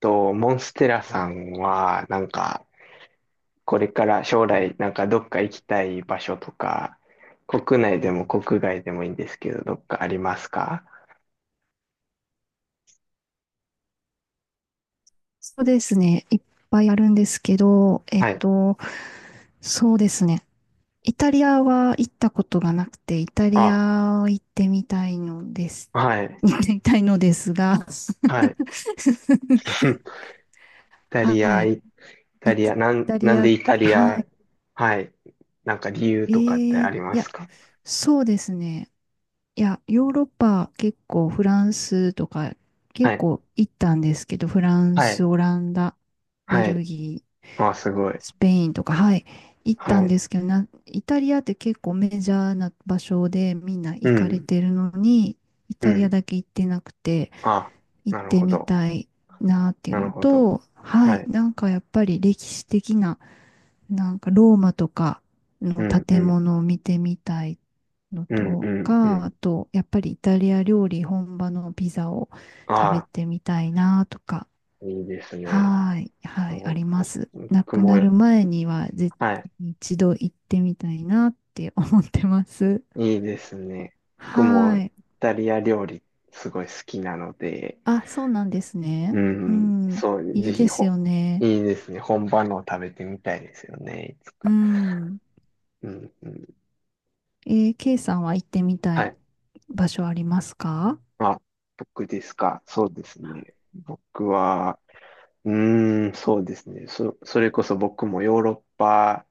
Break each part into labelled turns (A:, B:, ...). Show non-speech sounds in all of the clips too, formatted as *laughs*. A: と、モンステラさんは、これから将来、なんかどっか行きたい場所とか、国内でも国外でもいいんですけど、どっかありますか？
B: そうですね。いっぱいあるんですけど、えっ
A: はい。
B: と、そうですね。イタリアは行ったことがなくて、イタリ
A: あ、
B: アを行ってみたいのです。
A: は
B: *laughs*
A: い、
B: 行ってみたいのですが、*laughs*
A: はい。*laughs* イタリ
B: は
A: ア、
B: い。
A: イタ
B: イ
A: リ
B: タ、イ
A: ア、
B: タリ
A: なん
B: ア、
A: でイタリ
B: は
A: ア、はい。なんか理由
B: い。
A: とかってありますか？
B: そうですね。いや、ヨーロッパ結構フランスとか
A: は
B: 結
A: い、
B: 構行ったんですけど、フラン
A: は
B: ス、
A: い、
B: オランダ、ベ
A: はい。
B: ルギー、
A: あ、すごい。
B: スペインとか、はい、行った
A: は
B: ん
A: い。
B: ですけど、な、イタリアって結構メジャーな場所でみんな
A: う
B: 行かれ
A: ん、
B: てるのに、イ
A: う
B: タリア
A: ん。
B: だけ行ってなくて、
A: あ、
B: 行っ
A: なる
B: て
A: ほ
B: み
A: ど。
B: たいなっていう
A: なる
B: の
A: ほど。
B: と、は
A: は
B: い、
A: い。
B: なんかやっぱり歴史的な、なんかローマとか
A: う
B: の
A: ん、う
B: 建
A: ん、
B: 物を見てみたいの
A: うん、う
B: と
A: ん、う
B: か、
A: ん。
B: あと、やっぱりイタリア料理本場のピザを食べ
A: あ、
B: てみたいなとか。
A: いいですね。
B: はーい、はい、あ
A: お
B: りま
A: お、
B: す。亡
A: 僕
B: く
A: も、
B: なる前には絶
A: はい。
B: 対に一度行ってみたいなって思ってます。
A: いいですね。僕
B: は
A: も
B: ー
A: イ
B: い。
A: タリア料理すごい好きなので、
B: あ、そうなんです
A: う
B: ね。う
A: ん、
B: ん。
A: そう、
B: い
A: ぜ
B: い
A: ひ
B: です
A: ほ、
B: よね。
A: いいですね。本場のを食べてみたいですよね。いつ
B: う
A: か。
B: ん。
A: うん、うん。
B: えー、K さんは行ってみた
A: は
B: い
A: い。
B: 場所ありますか？
A: まあ、僕ですか。そうですね。僕は、うそうですね。それこそ僕もヨーロッパ、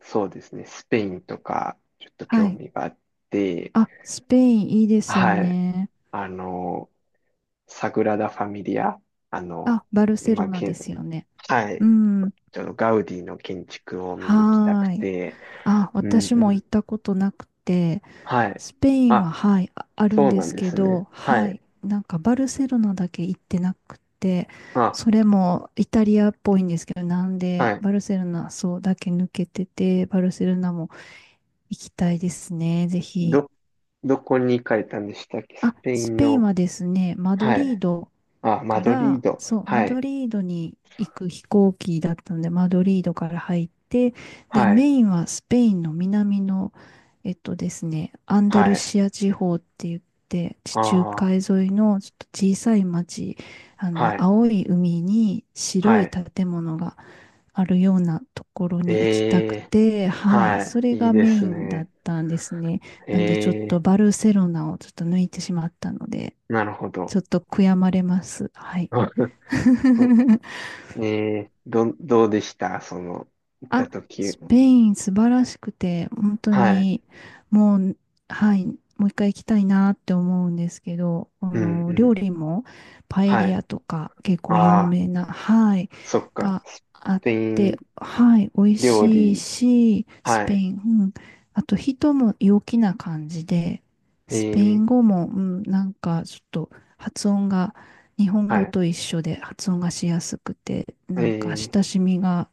A: そうですね。スペインとか、ちょっと
B: は
A: 興
B: い。
A: 味があって、
B: あ、スペインいいですよ
A: はい。
B: ね。
A: あの、サグラダ・ファミリア、あの、
B: あ、バルセロ
A: 今、
B: ナですよね。
A: は
B: う
A: い、
B: ん。
A: ちょっとガウディの建築を見に行きた
B: は
A: く
B: ーい。
A: て、
B: あ、
A: うん
B: 私
A: う
B: も行
A: ん、
B: ったことなくて、
A: はい。
B: スペインは、
A: あ、
B: はい、あ、あるん
A: そう
B: で
A: なん
B: す
A: で
B: け
A: すね。
B: ど、
A: は
B: は
A: い。
B: い、なんかバルセロナだけ行ってなくて、
A: あ、
B: それもイタリアっぽいんですけど、なん
A: は
B: で
A: い。
B: バルセロナそうだけ抜けてて、バルセロナも行きたいですね、ぜひ。
A: ど、どこに行かれたんでしたっけ、ス
B: あ、
A: ペイ
B: ス
A: ン
B: ペイン
A: の。
B: はですね、マド
A: は
B: リー
A: い。
B: ド
A: あ、マ
B: か
A: ドリ
B: ら、
A: ード。
B: そう、マ
A: は
B: ド
A: い。
B: リードに行く飛行機だったので、マドリードから入って、で、
A: はい。
B: メインはスペインの南の、えっとですね、アンダル
A: はい。
B: シア地方って言って、地中
A: ああ、
B: 海沿いのちょっと小さい町、あ
A: は
B: の、
A: い。
B: 青い海に白
A: は
B: い
A: い。
B: 建物があるようなところ
A: え
B: に行きたく
A: え、
B: て、はい、
A: は
B: それ
A: い。いい
B: が
A: で
B: メ
A: す
B: インだっ
A: ね。
B: たんですね。
A: え
B: なんでちょっと
A: え、
B: バルセロナをちょっと抜いてしまったので、
A: なるほど。
B: ちょっと悔やまれます。はい。
A: *laughs*
B: *laughs*
A: ねえ、どうでしたその、行った
B: あ、
A: 時。
B: スペイン素晴らしくて、本当
A: はい。
B: に、もう、はい、もう一回行きたいなって思うんですけど、あ
A: うん、う
B: の、料
A: ん。
B: 理もパエ
A: は
B: リ
A: い。
B: アとか結構
A: あ
B: 有
A: あ、
B: 名な、はい、
A: そっか。
B: が
A: ス
B: あっ
A: ペイ
B: て、
A: ン
B: はい、美味
A: 料
B: しい
A: 理。
B: し、ス
A: は
B: ペ
A: い。
B: イン、うん、あと人も陽気な感じで、
A: え
B: スペイ
A: え、
B: ン語も、うん、なんかちょっと発音が、日本
A: は
B: 語
A: い。
B: と一緒で発音がしやすくて、
A: え
B: なんか
A: え、
B: 親しみが、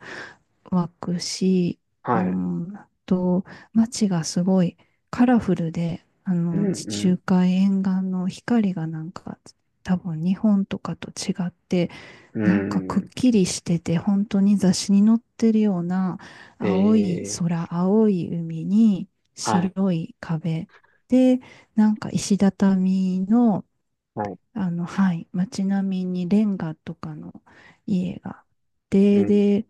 B: 湧くし、うー
A: はい。
B: んあと、街がすごいカラフルで、あ
A: う
B: の、地
A: ん、
B: 中海沿岸の光がなんか、多分日本とかと違って、
A: う
B: なんか
A: ん。う
B: くっ
A: ん。
B: きりしてて、本当に雑誌に載ってるような
A: え
B: 青い
A: え、
B: 空、青い海に
A: はい。
B: 白い壁で、なんか石畳の、
A: はい。
B: あの、はい、街並みにレンガとかの家があっ
A: う
B: て、
A: ん。
B: で、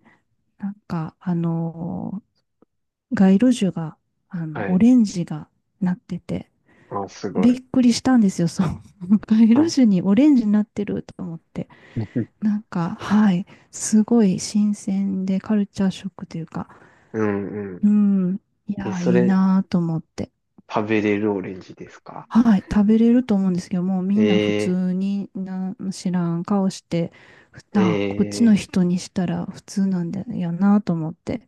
B: なんか、街路樹が、あの、
A: は
B: オ
A: い。
B: レンジがなってて、
A: ああ、すごい。
B: びっくりしたんですよ、そう。*laughs* 街
A: は
B: 路
A: い。
B: 樹にオレンジになってると思って。
A: *laughs*
B: なんか、はい、すごい新鮮でカルチャーショックというか、
A: うん、う
B: うん、い
A: ん。え、
B: やー、
A: そ
B: いい
A: れ、
B: なーと思って。
A: 食べれるオレンジですか？
B: はい、食べれると思うんですけど、もうみんな普
A: ええ、
B: 通になん知らん顔して、ふ
A: え
B: あ、こっちの
A: え、
B: 人にしたら普通なんだよなと思って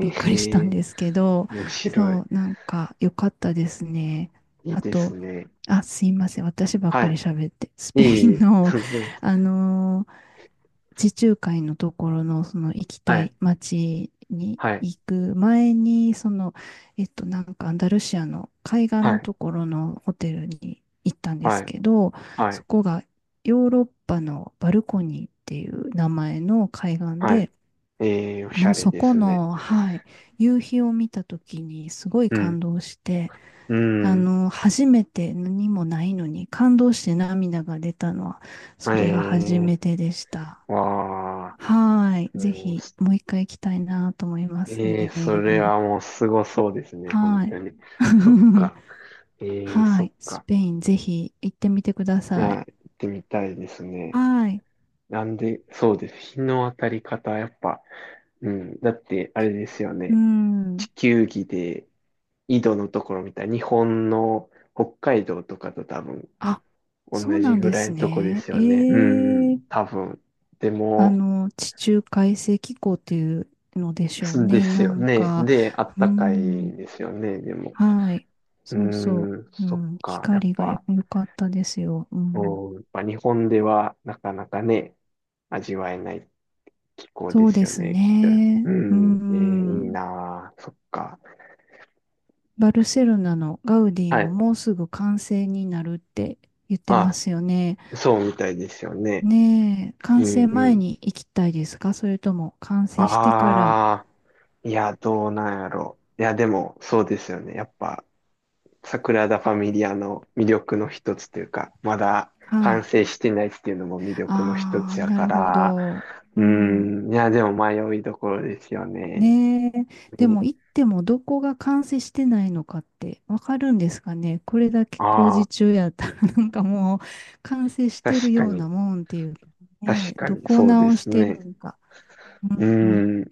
B: びっくりした
A: え
B: ん
A: え、
B: ですけど、
A: 面白い。
B: そう、なんか良かったですね。
A: いい
B: あ
A: で
B: と、
A: すね。
B: あ、すいません、私ばっ
A: は
B: かり
A: い。
B: 喋って、ス
A: い
B: ペ
A: え
B: イ
A: い
B: ン
A: え、
B: の、
A: *laughs* でも、
B: あのー地中海のところのその行き
A: は
B: た
A: い、
B: い街に
A: はい、
B: 行く前に、その、なんかアンダルシアの海岸
A: は
B: の
A: い、
B: ところのホテルに行ったんで
A: は
B: す
A: い、
B: けど、
A: は
B: そ
A: い、
B: こがヨーロッパのバルコニーっていう名前の海岸
A: はい。
B: で、
A: ええ、おし
B: も
A: ゃ
B: う
A: れ
B: そ
A: で
B: こ
A: すね。
B: の、はい、夕日を見た時にすごい
A: う
B: 感
A: ん、
B: 動して、
A: う
B: あ
A: ん、
B: の、初めて何もないのに感動して涙が出たのは、
A: え
B: それが初め
A: え、
B: てでした。
A: わあ、
B: はーい。ぜ
A: うん
B: ひ、
A: す
B: もう一回行きたいなと思います
A: ええ、それ
B: ね。
A: はもうすごそうですね、本
B: はーい。
A: 当に。そっ
B: *laughs*
A: か、ええ、
B: は
A: そ
B: ー
A: っ
B: い。ス
A: か。
B: ペイン、ぜひ行ってみてくだ
A: い
B: さ
A: や、
B: い。
A: 行ってみたいです
B: は
A: ね。
B: ーい。
A: なんで、そうです。日の当たり方、やっぱ、うん。だって、あれですよ
B: う
A: ね。地
B: ん。
A: 球儀で、緯度のところ見たら、日本の北海道とかと多分、
B: あ、そう
A: 同
B: な
A: じ
B: ん
A: ぐ
B: で
A: らい
B: す
A: のとこで
B: ね。
A: す
B: え
A: よね。う
B: ー、
A: ん、多分。で
B: あ
A: も、
B: の、地中海性気候っていうのでしょう
A: すで
B: ね。
A: す
B: な
A: よ
B: ん
A: ね。
B: か、
A: で、あっ
B: う
A: たかい
B: ん。
A: んですよね。でも。
B: はい。
A: う
B: そうそ
A: ん、
B: う。う
A: そっ
B: ん。
A: か。やっ
B: 光が良
A: ぱ、
B: かったですよ。うん。
A: 日本ではなかなかね、味わえない気候で
B: そう
A: す
B: で
A: よ
B: す
A: ね、きっと。う
B: ね。う
A: ん、えーいい
B: ん。
A: なあ、そっか。
B: バルセロナのガウディ
A: は
B: も
A: い。
B: もうすぐ完成になるって言ってま
A: あ、
B: すよね。
A: そうみたいですよね。
B: ねえ、完
A: う
B: 成
A: んう
B: 前
A: ん。
B: に行きたいですか、それとも完成してから。
A: ああ、いや、どうなんやろ、いや、でも、そうですよね。やっぱ、桜田ファミリアの魅力の一つというか、まだ
B: は
A: 完
B: い。
A: 成してないっていうのも魅力の一
B: あ
A: つ
B: あ、
A: や
B: な
A: か
B: るほ
A: ら、
B: ど。う
A: う
B: ん。
A: ん、いや、でも迷いどころですよね。
B: ねえ、
A: う
B: でも行ってもどこが完成してないのかってわかるんですかね。これだけ工
A: あ
B: 事
A: あ。
B: 中やったら *laughs* なんかもう完成して
A: 確
B: る
A: か
B: ような
A: に。
B: もんっていうか、
A: 確
B: ね、
A: か
B: ど
A: に、
B: こを
A: そうで
B: 直し
A: す
B: てる
A: ね。
B: のか。
A: うーん、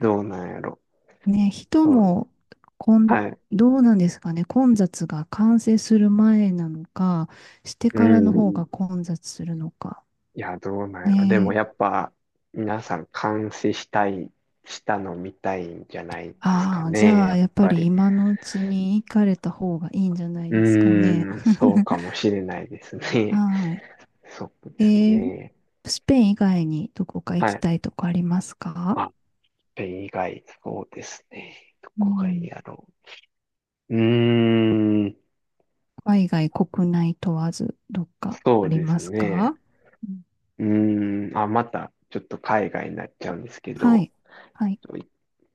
A: どうなんやろ。
B: ね、人
A: そう、
B: も、こん、
A: はい。う
B: どうなんですかね、混雑が完成する前なのか、して
A: ー
B: からの方
A: ん。
B: が混雑するのか。
A: いや、どうなんやろ。でも
B: ね
A: や
B: え。
A: っぱ、皆さん監視したい、したの見たいんじゃないですか
B: ああ、じ
A: ね。
B: ゃ
A: や
B: あ、
A: っ
B: やっぱ
A: ぱ
B: り
A: り。
B: 今のうちに行かれた方がいいんじゃない
A: う
B: ですかね。
A: ーん、そうか
B: *laughs*
A: もしれないですね。
B: は
A: *laughs* そう
B: い。
A: です
B: えー、
A: ね。
B: スペイン以外にどこか行
A: は
B: き
A: い。
B: たいとこありますか？
A: あ、れ以外、そうですね。ど
B: う
A: こがいい
B: ん。
A: やろう。
B: 海外、国内問わず、どっか
A: そ
B: あ
A: う
B: り
A: です
B: ます
A: ね。
B: か？うん。
A: あ、また、ちょっと海外になっちゃうんですけ
B: は
A: ど、
B: い。はい。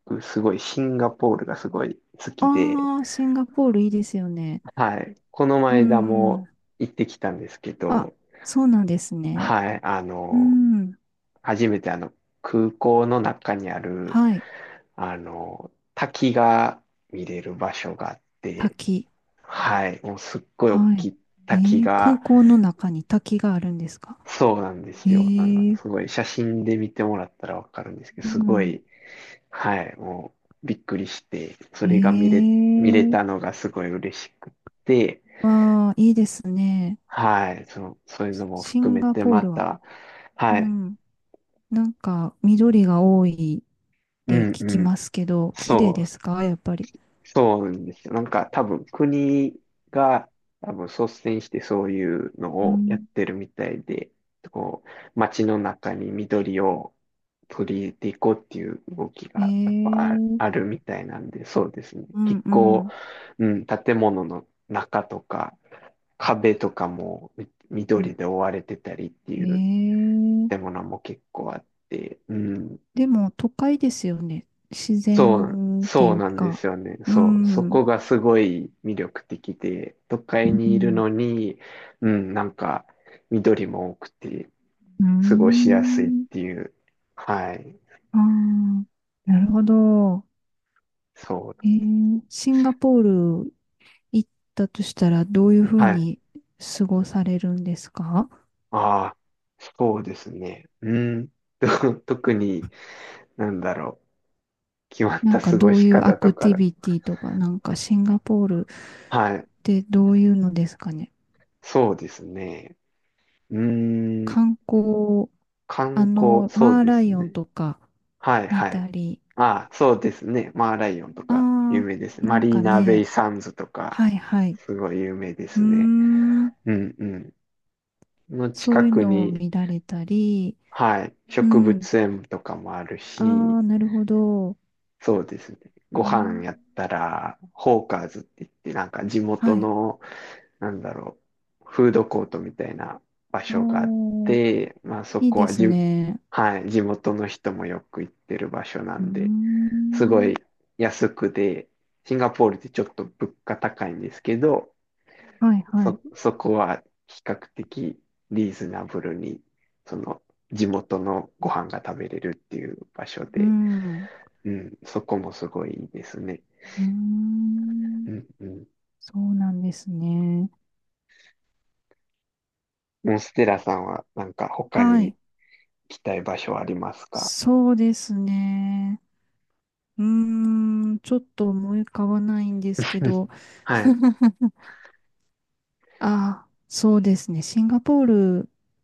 A: 僕すごいシンガポールがすごい好きで、
B: ああ、シンガポールいいですよね。
A: はい。この
B: う
A: 間も
B: ん。
A: 行ってきたんですけ
B: あ、
A: ど、
B: そうなんですね。
A: はい。
B: うん。
A: 初めて空港の中にある、
B: はい。
A: 滝が見れる場所があって、
B: 滝。
A: はい。もうすっごい大
B: は
A: き
B: い。
A: い滝
B: えー、空
A: が、
B: 港の中に滝があるんですか？
A: そうなんで
B: え
A: すよ。なんか
B: ー、
A: すごい写真で見てもらったらわかるんですけど、
B: う
A: すご
B: ん。
A: い、はい、もうびっくりして、そ
B: え
A: れが見れ、見れ
B: ー、
A: たのがすごい嬉しくって、
B: わあ、いいですね。
A: はい、そう、そういうのも
B: シ
A: 含
B: ン
A: め
B: ガ
A: て
B: ポー
A: ま
B: ルは。
A: た、
B: う
A: はい、
B: ん。なんか、緑が多いっ
A: う
B: て
A: ん
B: 聞
A: う
B: き
A: ん、
B: ますけど、綺麗
A: そう、
B: ですかやっぱり。
A: そうなんですよ。なんか多分国が多分率先してそういうの
B: う
A: をやっ
B: ん。
A: てるみたいで、こう、街の中に緑を取り入れていこうっていう動き
B: え
A: がやっぱあ
B: ー、
A: あるみたいなんで、そうですね。
B: うん
A: 結
B: う
A: 構、
B: ん。
A: うん、建物の中とか壁とかもみ
B: うん、
A: 緑で覆われてたりって
B: え
A: いう
B: ー、
A: 建物も結構あって、うん。
B: でも都会ですよね。自
A: そう、
B: 然ってい
A: そう
B: う
A: なんで
B: か。
A: すよね。
B: う
A: そう、そ
B: ん。う
A: こがすごい魅力的で、都会にいるの
B: ん。
A: に、うん、緑も多くて、
B: うー
A: 過ごしやすいっ
B: ん。
A: ていう。はい。
B: ああ、なるほど。
A: そ
B: え
A: う。
B: ー、シンガポール行ったとしたらどういうふう
A: はい。
B: に過ごされるんですか？
A: ああ、そうですね。うん。と、 *laughs* 特に、なんだろう。決まっ
B: なん
A: た
B: か
A: 過ご
B: どう
A: し
B: いうア
A: 方と
B: ク
A: か、
B: ティビティとか、なんかシンガポールっ
A: はい。
B: てどういうのですかね。
A: そうですね。うん。
B: 観光、あ
A: 観光、
B: の、
A: そう
B: マー
A: で
B: ラ
A: す
B: イオン
A: ね。
B: とか
A: はい
B: 見
A: はい。
B: たり、
A: ああ、そうですね。マーライオンと
B: あ
A: か有名です
B: あ、
A: ね。
B: な
A: マ
B: ん
A: リー
B: か
A: ナベイ
B: ね、
A: サンズとか、
B: はいはい。
A: すごい有名で
B: うー
A: すね。
B: ん。
A: うんうん。の
B: そ
A: 近
B: ういう
A: く
B: のを
A: に、
B: 見られたり、
A: はい、
B: う
A: 植
B: ん。
A: 物園とかもある
B: あ
A: し、
B: あ、なるほど。
A: そうですね。ご
B: うん。
A: 飯やったら、ホーカーズって言って、なんか地元
B: はい。
A: の、なんだろう、フードコートみたいな場所があっ
B: おー、
A: て、まあそ
B: いい
A: こ
B: で
A: は
B: す
A: じ、
B: ね。
A: はい、地元の人もよく行ってる場所な
B: うー
A: んで、すごい
B: ん。
A: 安くで、シンガポールってちょっと物価高いんですけど、
B: はいはい。
A: そこは比較的リーズナブルに、その地元のご飯が食べれるっていう場所
B: う
A: で、
B: ん。う
A: うん、そこもすごいいいですね。
B: ーん。
A: うんうん。
B: そうなんですね。
A: モンステラさんはなんか他
B: は
A: に行
B: い。
A: きたい場所ありますか？
B: そうですね。うーん。ちょっと思い浮かばないんですけ
A: *laughs*
B: ど。
A: はい、
B: *laughs* ああ、そうですね。シンガポール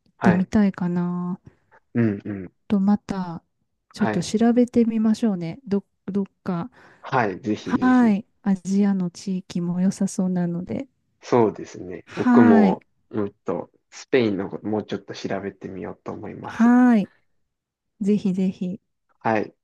B: 行っ
A: は
B: てみ
A: い、
B: たいかな。
A: うんうん、
B: とまた、ちょっ
A: は
B: と
A: い、
B: 調べてみましょうね。ど、どっか。
A: はい、ぜひぜ
B: は
A: ひ。
B: い。アジアの地域も良さそうなので。
A: そうですね。僕
B: はい。
A: も、うんと、スペインのこともうちょっと調べてみようと思います。
B: はい。ぜひぜひ。
A: はい。